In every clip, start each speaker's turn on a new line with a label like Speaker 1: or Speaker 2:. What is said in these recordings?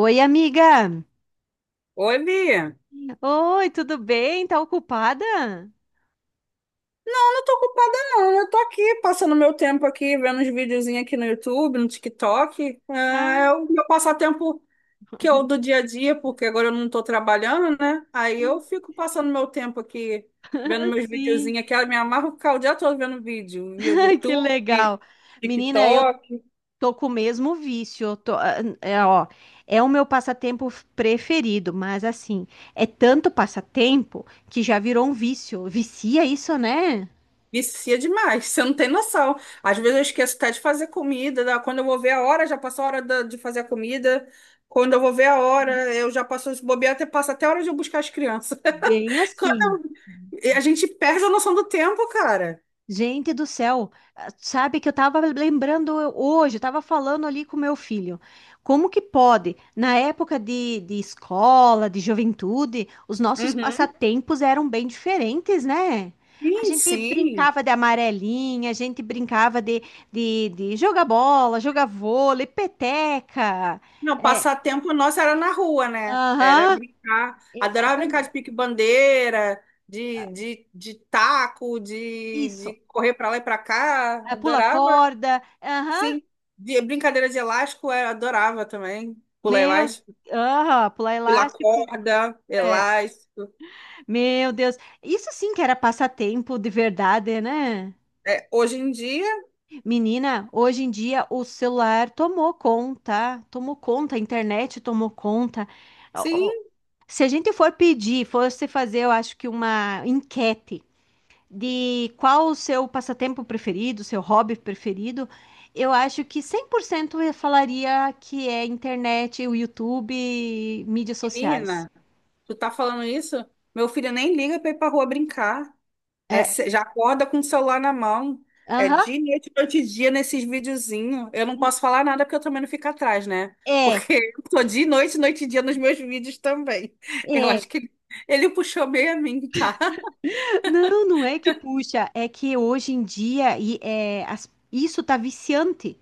Speaker 1: Oi, amiga.
Speaker 2: Oi, Bia.
Speaker 1: Oi, tudo bem? Tá ocupada?
Speaker 2: Eu não tô ocupada, não. Eu tô aqui passando meu tempo aqui, vendo uns videozinhos aqui no YouTube, no TikTok. Ah,
Speaker 1: Ah,
Speaker 2: É o meu passatempo que eu do dia a dia, porque agora eu não tô trabalhando, né? Aí eu fico passando meu tempo aqui, vendo meus
Speaker 1: sim.
Speaker 2: videozinhos aqui. Eu me amarro ficar o dia todo vendo vídeo, via do
Speaker 1: Ai, que
Speaker 2: YouTube,
Speaker 1: legal. Menina, eu
Speaker 2: TikTok.
Speaker 1: tô com o mesmo vício. Ah, é, ó, é o meu passatempo preferido, mas assim, é tanto passatempo que já virou um vício. Vicia isso, né?
Speaker 2: Vicia demais, você não tem noção. Às vezes eu esqueço até de fazer comida, quando eu vou ver a hora, já passou a hora de fazer a comida. Quando eu vou ver a hora, eu já passo os bobear, até passa até a hora de eu buscar as crianças.
Speaker 1: Bem
Speaker 2: Quando
Speaker 1: assim.
Speaker 2: a gente perde a noção do tempo, cara.
Speaker 1: Gente do céu, ah, sabe que eu estava lembrando hoje, eu estava falando ali com meu filho. Como que pode? Na época de escola, de juventude, os nossos
Speaker 2: Uhum.
Speaker 1: passatempos eram bem diferentes, né? A
Speaker 2: Sim,
Speaker 1: gente
Speaker 2: sim.
Speaker 1: brincava de amarelinha, a gente brincava de jogar bola, jogar vôlei, peteca.
Speaker 2: Não,
Speaker 1: É,
Speaker 2: passatempo nosso era na rua, né? Era
Speaker 1: aham,
Speaker 2: brincar. Adorava brincar de
Speaker 1: exatamente.
Speaker 2: pique-bandeira, de taco, de
Speaker 1: Isso.
Speaker 2: correr pra lá e pra cá.
Speaker 1: Ah, pula
Speaker 2: Adorava.
Speaker 1: corda, aham,
Speaker 2: Sim, brincadeira de elástico eu adorava também. Pular
Speaker 1: meu,
Speaker 2: elástico,
Speaker 1: aham, pular
Speaker 2: pula
Speaker 1: elástico.
Speaker 2: corda,
Speaker 1: É.
Speaker 2: elástico.
Speaker 1: Meu Deus, isso sim que era passatempo de verdade, né?
Speaker 2: É, hoje em dia,
Speaker 1: Menina, hoje em dia o celular tomou conta, a internet tomou conta. Ó,
Speaker 2: sim,
Speaker 1: ó, se a gente for pedir, fosse fazer, eu acho que uma enquete de qual o seu passatempo preferido, seu hobby preferido, eu acho que 100% eu falaria que é internet, o YouTube, mídias sociais.
Speaker 2: menina, tu tá falando isso? Meu filho nem liga pra ir pra rua brincar. É,
Speaker 1: É,
Speaker 2: já acorda com o celular na mão. É
Speaker 1: aham.
Speaker 2: dia e noite, noite e dia nesses videozinhos. Eu não posso falar nada porque eu também não fico atrás, né?
Speaker 1: É,
Speaker 2: Porque eu tô dia e noite, noite e dia nos meus vídeos também. Eu
Speaker 1: é.
Speaker 2: acho que ele, ele puxou meio a mim, tá?
Speaker 1: Não, não é que puxa, é que hoje em dia isso tá viciante.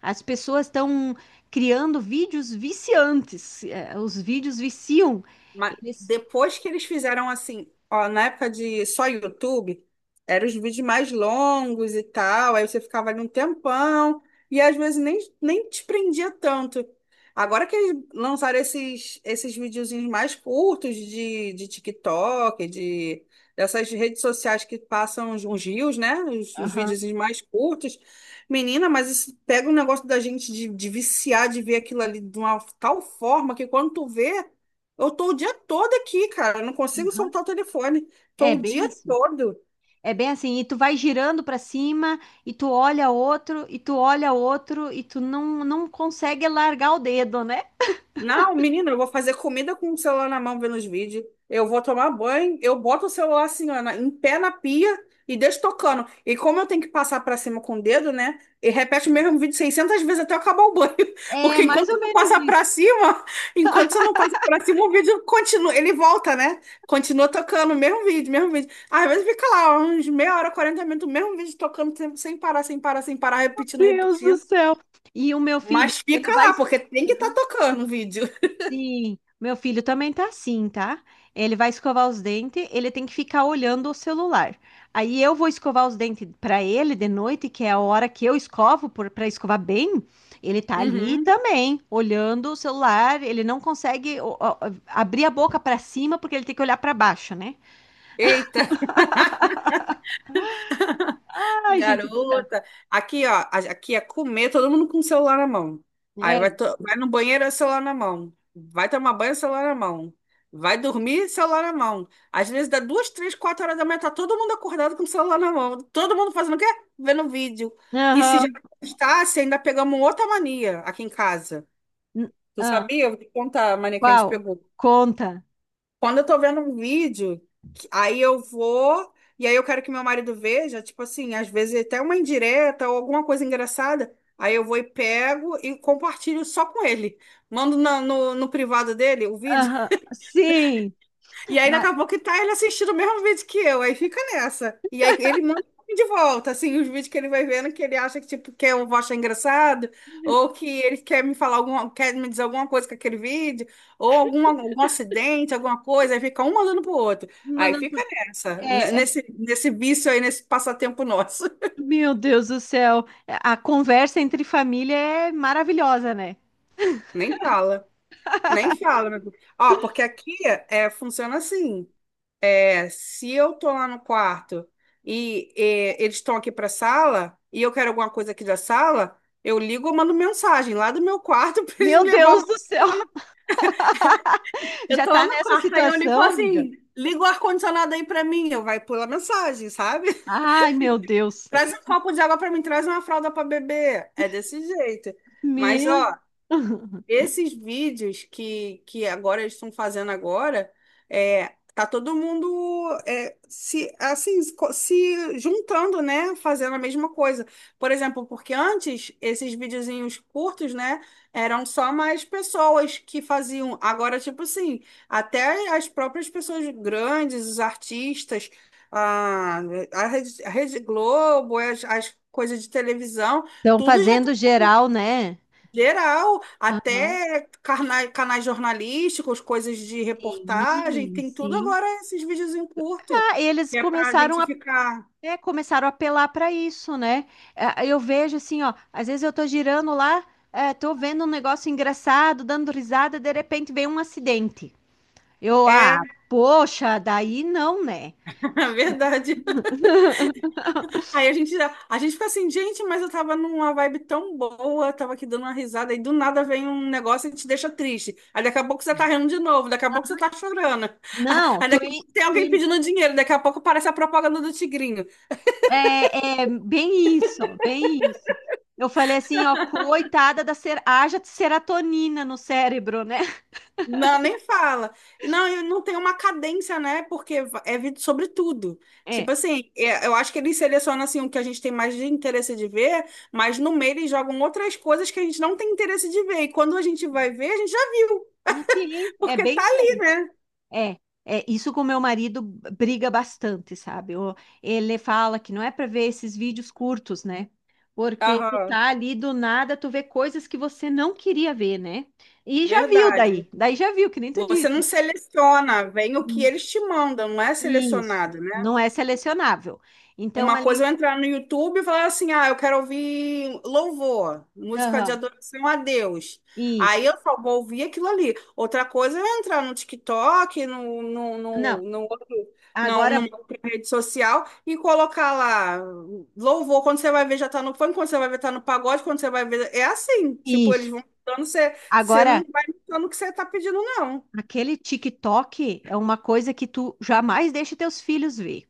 Speaker 1: As pessoas estão criando vídeos viciantes. É, os vídeos viciam.
Speaker 2: Mas
Speaker 1: Eles.
Speaker 2: depois que eles fizeram assim, ó, na época de só YouTube, eram os vídeos mais longos e tal, aí você ficava ali um tempão, e às vezes nem te prendia tanto. Agora que eles lançaram esses videozinhos mais curtos de TikTok, de, dessas redes sociais que passam uns, uns reels, né? Os
Speaker 1: Aham,
Speaker 2: videozinhos mais curtos. Menina, mas isso pega um negócio da gente de viciar, de ver aquilo ali de uma tal forma que quando tu vê. Eu tô o dia todo aqui, cara. Eu não consigo
Speaker 1: aham.
Speaker 2: soltar o telefone. Tô
Speaker 1: É
Speaker 2: o
Speaker 1: bem
Speaker 2: dia
Speaker 1: assim.
Speaker 2: todo.
Speaker 1: É bem assim. E tu vai girando para cima, e tu olha outro, e tu olha outro, e tu não consegue largar o dedo, né?
Speaker 2: Não, menina, eu vou fazer comida com o celular na mão vendo os vídeos. Eu vou tomar banho, eu boto o celular assim, ó, em pé na pia e deixo tocando. E como eu tenho que passar pra cima com o dedo, né? E repete o mesmo vídeo 600 vezes até eu acabar o banho.
Speaker 1: É
Speaker 2: Porque
Speaker 1: mais
Speaker 2: enquanto você
Speaker 1: ou
Speaker 2: não
Speaker 1: menos
Speaker 2: passa pra
Speaker 1: isso.
Speaker 2: cima, enquanto você não passa pra cima, o vídeo continua, ele volta, né? Continua tocando o mesmo vídeo, mesmo vídeo. Às vezes fica lá uns meia hora, 40 minutos, o mesmo vídeo tocando sem parar, sem parar, sem parar, repetindo,
Speaker 1: Deus do
Speaker 2: repetindo.
Speaker 1: céu. E o meu filho,
Speaker 2: Mas
Speaker 1: ele
Speaker 2: fica
Speaker 1: vai.
Speaker 2: lá, porque tem que estar tocando o vídeo.
Speaker 1: Sim, meu filho também tá assim, tá? Ele vai escovar os dentes, ele tem que ficar olhando o celular. Aí eu vou escovar os dentes pra ele de noite, que é a hora que eu escovo para escovar bem. Ele tá ali
Speaker 2: Uhum.
Speaker 1: também, olhando o celular. Ele não consegue ó, ó, abrir a boca pra cima porque ele tem que olhar pra baixo, né?
Speaker 2: Eita,
Speaker 1: Ai, gente do céu.
Speaker 2: garota. Aqui, ó, aqui é comer, todo mundo com o celular na mão. Aí vai,
Speaker 1: É.
Speaker 2: vai no banheiro, é celular na mão. Vai tomar banho, celular na mão. Vai dormir, celular na mão. Às vezes dá duas, três, quatro horas da manhã, tá todo mundo acordado com o celular na mão. Todo mundo fazendo o quê? Vendo vídeo. E se já
Speaker 1: Aham.
Speaker 2: está, ainda pegamos outra mania aqui em casa.
Speaker 1: N-
Speaker 2: Tu
Speaker 1: ah,
Speaker 2: sabia? Eu vou te contar a mania que a gente
Speaker 1: qual?
Speaker 2: pegou.
Speaker 1: Conta.
Speaker 2: Quando eu tô vendo um vídeo, aí eu vou, e aí eu quero que meu marido veja, tipo assim, às vezes até uma indireta ou alguma coisa engraçada, aí eu vou e pego e compartilho só com ele. Mando no, no privado dele o vídeo.
Speaker 1: Aham. Sim.
Speaker 2: E aí daqui
Speaker 1: Ma-
Speaker 2: a pouco tá ele assistindo o mesmo vídeo que eu, aí fica nessa. E aí ele manda de volta, assim, os vídeos que ele vai vendo que ele acha que, tipo, que eu vou achar engraçado, ou que ele quer me falar alguma, quer me dizer alguma coisa com aquele vídeo, ou algum, algum acidente, alguma coisa, aí fica um mandando pro outro. Aí
Speaker 1: Mandando
Speaker 2: fica
Speaker 1: pro-.
Speaker 2: nessa,
Speaker 1: É,
Speaker 2: nesse, nesse vício aí, nesse passatempo nosso.
Speaker 1: meu Deus do céu, a conversa entre família é maravilhosa, né?
Speaker 2: Nem fala, nem fala, meu Deus. Ó, porque aqui é, funciona assim. É, se eu tô lá no quarto e, é, eles estão aqui pra sala e eu quero alguma coisa aqui da sala, eu ligo ou mando mensagem lá do meu quarto pra eles
Speaker 1: Meu
Speaker 2: me levar.
Speaker 1: Deus
Speaker 2: Alguma-
Speaker 1: do céu,
Speaker 2: Eu
Speaker 1: já
Speaker 2: tô lá
Speaker 1: tá
Speaker 2: no
Speaker 1: nessa
Speaker 2: quarto, aí eu ligo e falo
Speaker 1: situação, amiga?
Speaker 2: assim, liga o ar-condicionado aí pra mim, eu vai pular mensagem, sabe?
Speaker 1: Ai, meu Deus.
Speaker 2: Traz um copo de água pra mim, traz uma fralda pra beber. É desse jeito. Mas,
Speaker 1: Meu.
Speaker 2: ó, esses vídeos que agora eles estão fazendo agora, é, tá todo mundo é, se assim se juntando, né? Fazendo a mesma coisa. Por exemplo, porque antes esses videozinhos curtos, né? Eram só mais pessoas que faziam. Agora, tipo assim, até as próprias pessoas grandes, os artistas, a, a Rede Globo, as coisas de televisão,
Speaker 1: Estão
Speaker 2: tudo já
Speaker 1: fazendo geral, né?
Speaker 2: geral,
Speaker 1: Aham.
Speaker 2: até canais jornalísticos, coisas de reportagem,
Speaker 1: Sim,
Speaker 2: tem tudo
Speaker 1: sim.
Speaker 2: agora esses vídeos em curto,
Speaker 1: Ah, eles
Speaker 2: que é pra gente ficar.
Speaker 1: começaram a apelar para isso, né? Ah, eu vejo assim, ó, às vezes eu tô girando lá, tô vendo um negócio engraçado, dando risada, de repente vem um acidente.
Speaker 2: É,
Speaker 1: Ah, poxa, daí não, né?
Speaker 2: verdade. Aí a gente, a gente fica assim, gente, mas eu tava numa vibe tão boa, tava aqui dando uma risada, e do nada vem um negócio e te deixa triste. Aí daqui a pouco você tá rindo de novo, daqui a pouco você tá chorando.
Speaker 1: Não,
Speaker 2: Aí daqui a pouco tem alguém pedindo dinheiro, daqui a pouco aparece a propaganda do Tigrinho.
Speaker 1: é, é bem isso, bem isso. Eu falei assim, ó, haja de serotonina no cérebro, né?
Speaker 2: Não, nem fala. E não, e não tem uma cadência, né? Porque é vídeo sobre tudo.
Speaker 1: É,
Speaker 2: Tipo assim, eu acho que eles selecionam assim, o que a gente tem mais de interesse de ver, mas no meio eles jogam outras coisas que a gente não tem interesse de ver. E quando a gente vai ver, a gente já viu,
Speaker 1: sim, é
Speaker 2: porque
Speaker 1: bem
Speaker 2: tá
Speaker 1: isso
Speaker 2: ali,
Speaker 1: aí.
Speaker 2: né?
Speaker 1: É, é isso com meu marido briga bastante, sabe? Ele fala que não é para ver esses vídeos curtos, né? Porque tu
Speaker 2: Aham,
Speaker 1: tá ali do nada, tu vê coisas que você não queria ver, né? E já viu daí,
Speaker 2: verdade.
Speaker 1: daí já viu, que nem tu
Speaker 2: Você não
Speaker 1: disse.
Speaker 2: seleciona, vem o que
Speaker 1: Hum,
Speaker 2: eles te mandam, não é
Speaker 1: Isso,
Speaker 2: selecionado, né?
Speaker 1: não é selecionável. Então,
Speaker 2: Uma coisa
Speaker 1: ali.
Speaker 2: é eu entrar no YouTube e falar assim: ah, eu quero ouvir louvor, música de
Speaker 1: Aham,
Speaker 2: adoração a Deus. Aí
Speaker 1: isso.
Speaker 2: eu só vou ouvir aquilo ali. Outra coisa é eu entrar no TikTok,
Speaker 1: Não,
Speaker 2: no outro, não,
Speaker 1: agora,
Speaker 2: numa outra rede social e colocar lá louvor. Quando você vai ver, já tá no funk, quando você vai ver, tá no pagode, quando você vai ver. É assim, tipo,
Speaker 1: isso.
Speaker 2: eles vão dando, você não
Speaker 1: Agora,
Speaker 2: vai notando o que você tá pedindo, não.
Speaker 1: aquele TikTok é uma coisa que tu jamais deixa teus filhos ver,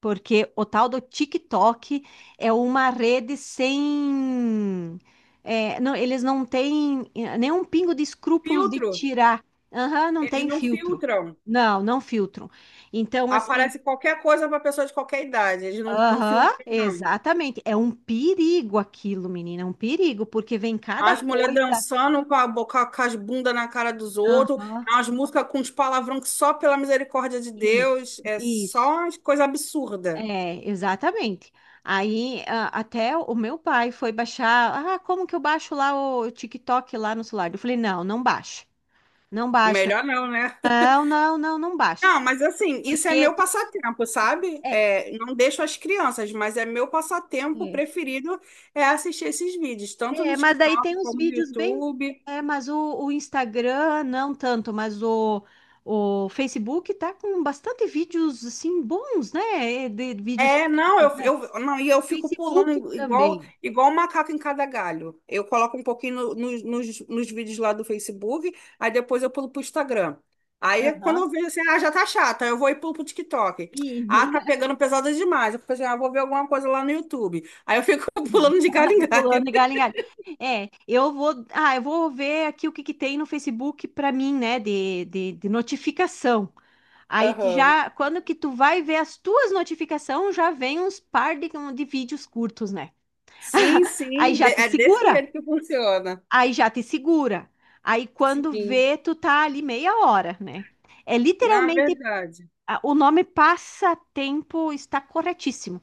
Speaker 1: porque o tal do TikTok é uma rede sem. É, não, eles não têm nenhum pingo de escrúpulos de
Speaker 2: Filtro,
Speaker 1: tirar. Aham, não
Speaker 2: eles
Speaker 1: tem
Speaker 2: não
Speaker 1: filtro.
Speaker 2: filtram.
Speaker 1: Não, não filtro. Então, assim.
Speaker 2: Aparece qualquer coisa para pessoa de qualquer idade. Eles não
Speaker 1: Aham,
Speaker 2: filtram, não.
Speaker 1: exatamente. É um perigo aquilo, menina, é um perigo, porque vem cada
Speaker 2: As mulheres
Speaker 1: coisa.
Speaker 2: dançando com a boca, com as bundas na cara dos outros,
Speaker 1: Aham.
Speaker 2: as músicas com uns palavrão que só pela misericórdia de
Speaker 1: Isso,
Speaker 2: Deus é
Speaker 1: isso.
Speaker 2: só uma coisa absurda.
Speaker 1: É, exatamente. Aí até o meu pai foi baixar. Ah, como que eu baixo lá o TikTok lá no celular? Eu falei, não, não baixa. Não baixa.
Speaker 2: Melhor não, né?
Speaker 1: Não, não, não, não baixa.
Speaker 2: Não, mas assim, isso é
Speaker 1: Porque
Speaker 2: meu
Speaker 1: tu.
Speaker 2: passatempo, sabe?
Speaker 1: É,
Speaker 2: É, não deixo as crianças, mas é meu passatempo
Speaker 1: é,
Speaker 2: preferido é assistir esses vídeos, tanto no
Speaker 1: é, mas daí
Speaker 2: TikTok
Speaker 1: tem uns
Speaker 2: como no
Speaker 1: vídeos bem.
Speaker 2: YouTube.
Speaker 1: É, mas o Instagram, não tanto, mas o Facebook tá com bastante vídeos assim bons, né? De vídeos
Speaker 2: É, não,
Speaker 1: curtos, né?
Speaker 2: eu, não, e eu fico
Speaker 1: Facebook
Speaker 2: pulando igual,
Speaker 1: também.
Speaker 2: igual um macaco em cada galho. Eu coloco um pouquinho nos vídeos lá do Facebook, aí depois eu pulo pro Instagram. Aí quando
Speaker 1: Aham.
Speaker 2: eu vejo assim, ah, já tá chata, eu vou e pulo pro TikTok.
Speaker 1: E.
Speaker 2: Ah, tá pegando pesada demais. Eu fico assim, ah, vou ver alguma coisa lá no YouTube. Aí eu fico pulando de galho em galho.
Speaker 1: Pulando de galho em galho. É, eu vou ver aqui o que que tem no Facebook para mim, né, de notificação. Aí tu
Speaker 2: Aham.
Speaker 1: já, quando que tu vai ver as tuas notificações, já vem uns par de vídeos curtos, né? Aí
Speaker 2: Sim,
Speaker 1: já te
Speaker 2: é desse
Speaker 1: segura,
Speaker 2: jeito que funciona.
Speaker 1: aí já te segura. Aí quando
Speaker 2: Sim,
Speaker 1: vê, tu tá ali meia hora, né? É
Speaker 2: na
Speaker 1: literalmente,
Speaker 2: verdade.
Speaker 1: o nome passatempo está corretíssimo.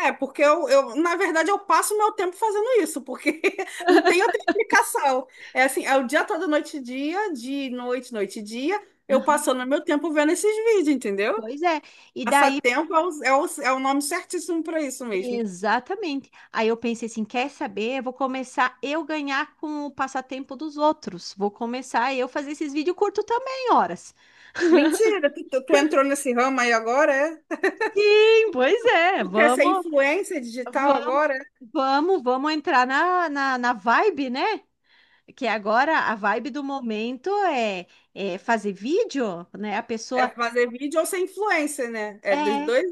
Speaker 2: É, porque eu, na verdade, eu passo meu tempo fazendo isso, porque não tem outra explicação. É assim, é o dia todo, noite e dia, de noite, noite e dia, eu passando meu tempo vendo esses vídeos, entendeu?
Speaker 1: Pois é. E daí.
Speaker 2: Passatempo é é o nome certíssimo para isso mesmo.
Speaker 1: Exatamente. Aí eu pensei assim, quer saber? Eu vou começar eu ganhar com o passatempo dos outros. Vou começar eu fazer esses vídeos curtos também, horas.
Speaker 2: Mentira, tu entrou nesse ramo aí agora, é?
Speaker 1: Sim, pois é.
Speaker 2: Tu quer ser
Speaker 1: Vamos,
Speaker 2: influencer digital
Speaker 1: vamos.
Speaker 2: agora?
Speaker 1: Vamos, vamos entrar na vibe, né? Que agora a vibe do momento é fazer vídeo, né? A
Speaker 2: É
Speaker 1: pessoa
Speaker 2: fazer vídeo ou ser influencer, né? É dos
Speaker 1: é,
Speaker 2: dois.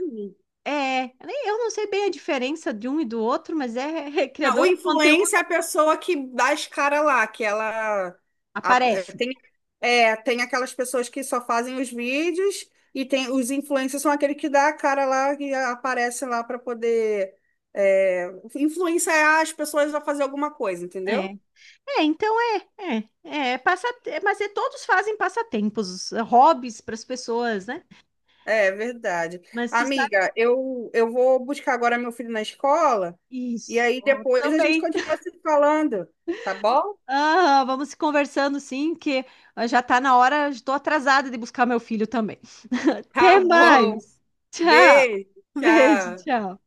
Speaker 1: é. Eu não sei bem a diferença de um e do outro, mas é,
Speaker 2: Não, o
Speaker 1: criador de conteúdo.
Speaker 2: influencer é a pessoa que dá as caras lá, que ela a- é,
Speaker 1: Aparece,
Speaker 2: tem, é, tem aquelas pessoas que só fazem os vídeos e tem os influencers são aquele que dá a cara lá e aparece lá para poder é, influenciar as pessoas a fazer alguma coisa, entendeu?
Speaker 1: né? É, então mas é, todos fazem passatempos, hobbies para as pessoas, né?
Speaker 2: É verdade.
Speaker 1: Mas tu sabe,
Speaker 2: Amiga, eu vou buscar agora meu filho na escola e
Speaker 1: isso,
Speaker 2: aí
Speaker 1: ó,
Speaker 2: depois a gente
Speaker 1: também.
Speaker 2: continua se falando, tá bom?
Speaker 1: Ah, vamos se conversando sim, que já tá na hora, estou atrasada de buscar meu filho também.
Speaker 2: Tá
Speaker 1: Até
Speaker 2: bom.
Speaker 1: mais. Tchau.
Speaker 2: Beijo,
Speaker 1: Beijo,
Speaker 2: tchau.
Speaker 1: tchau.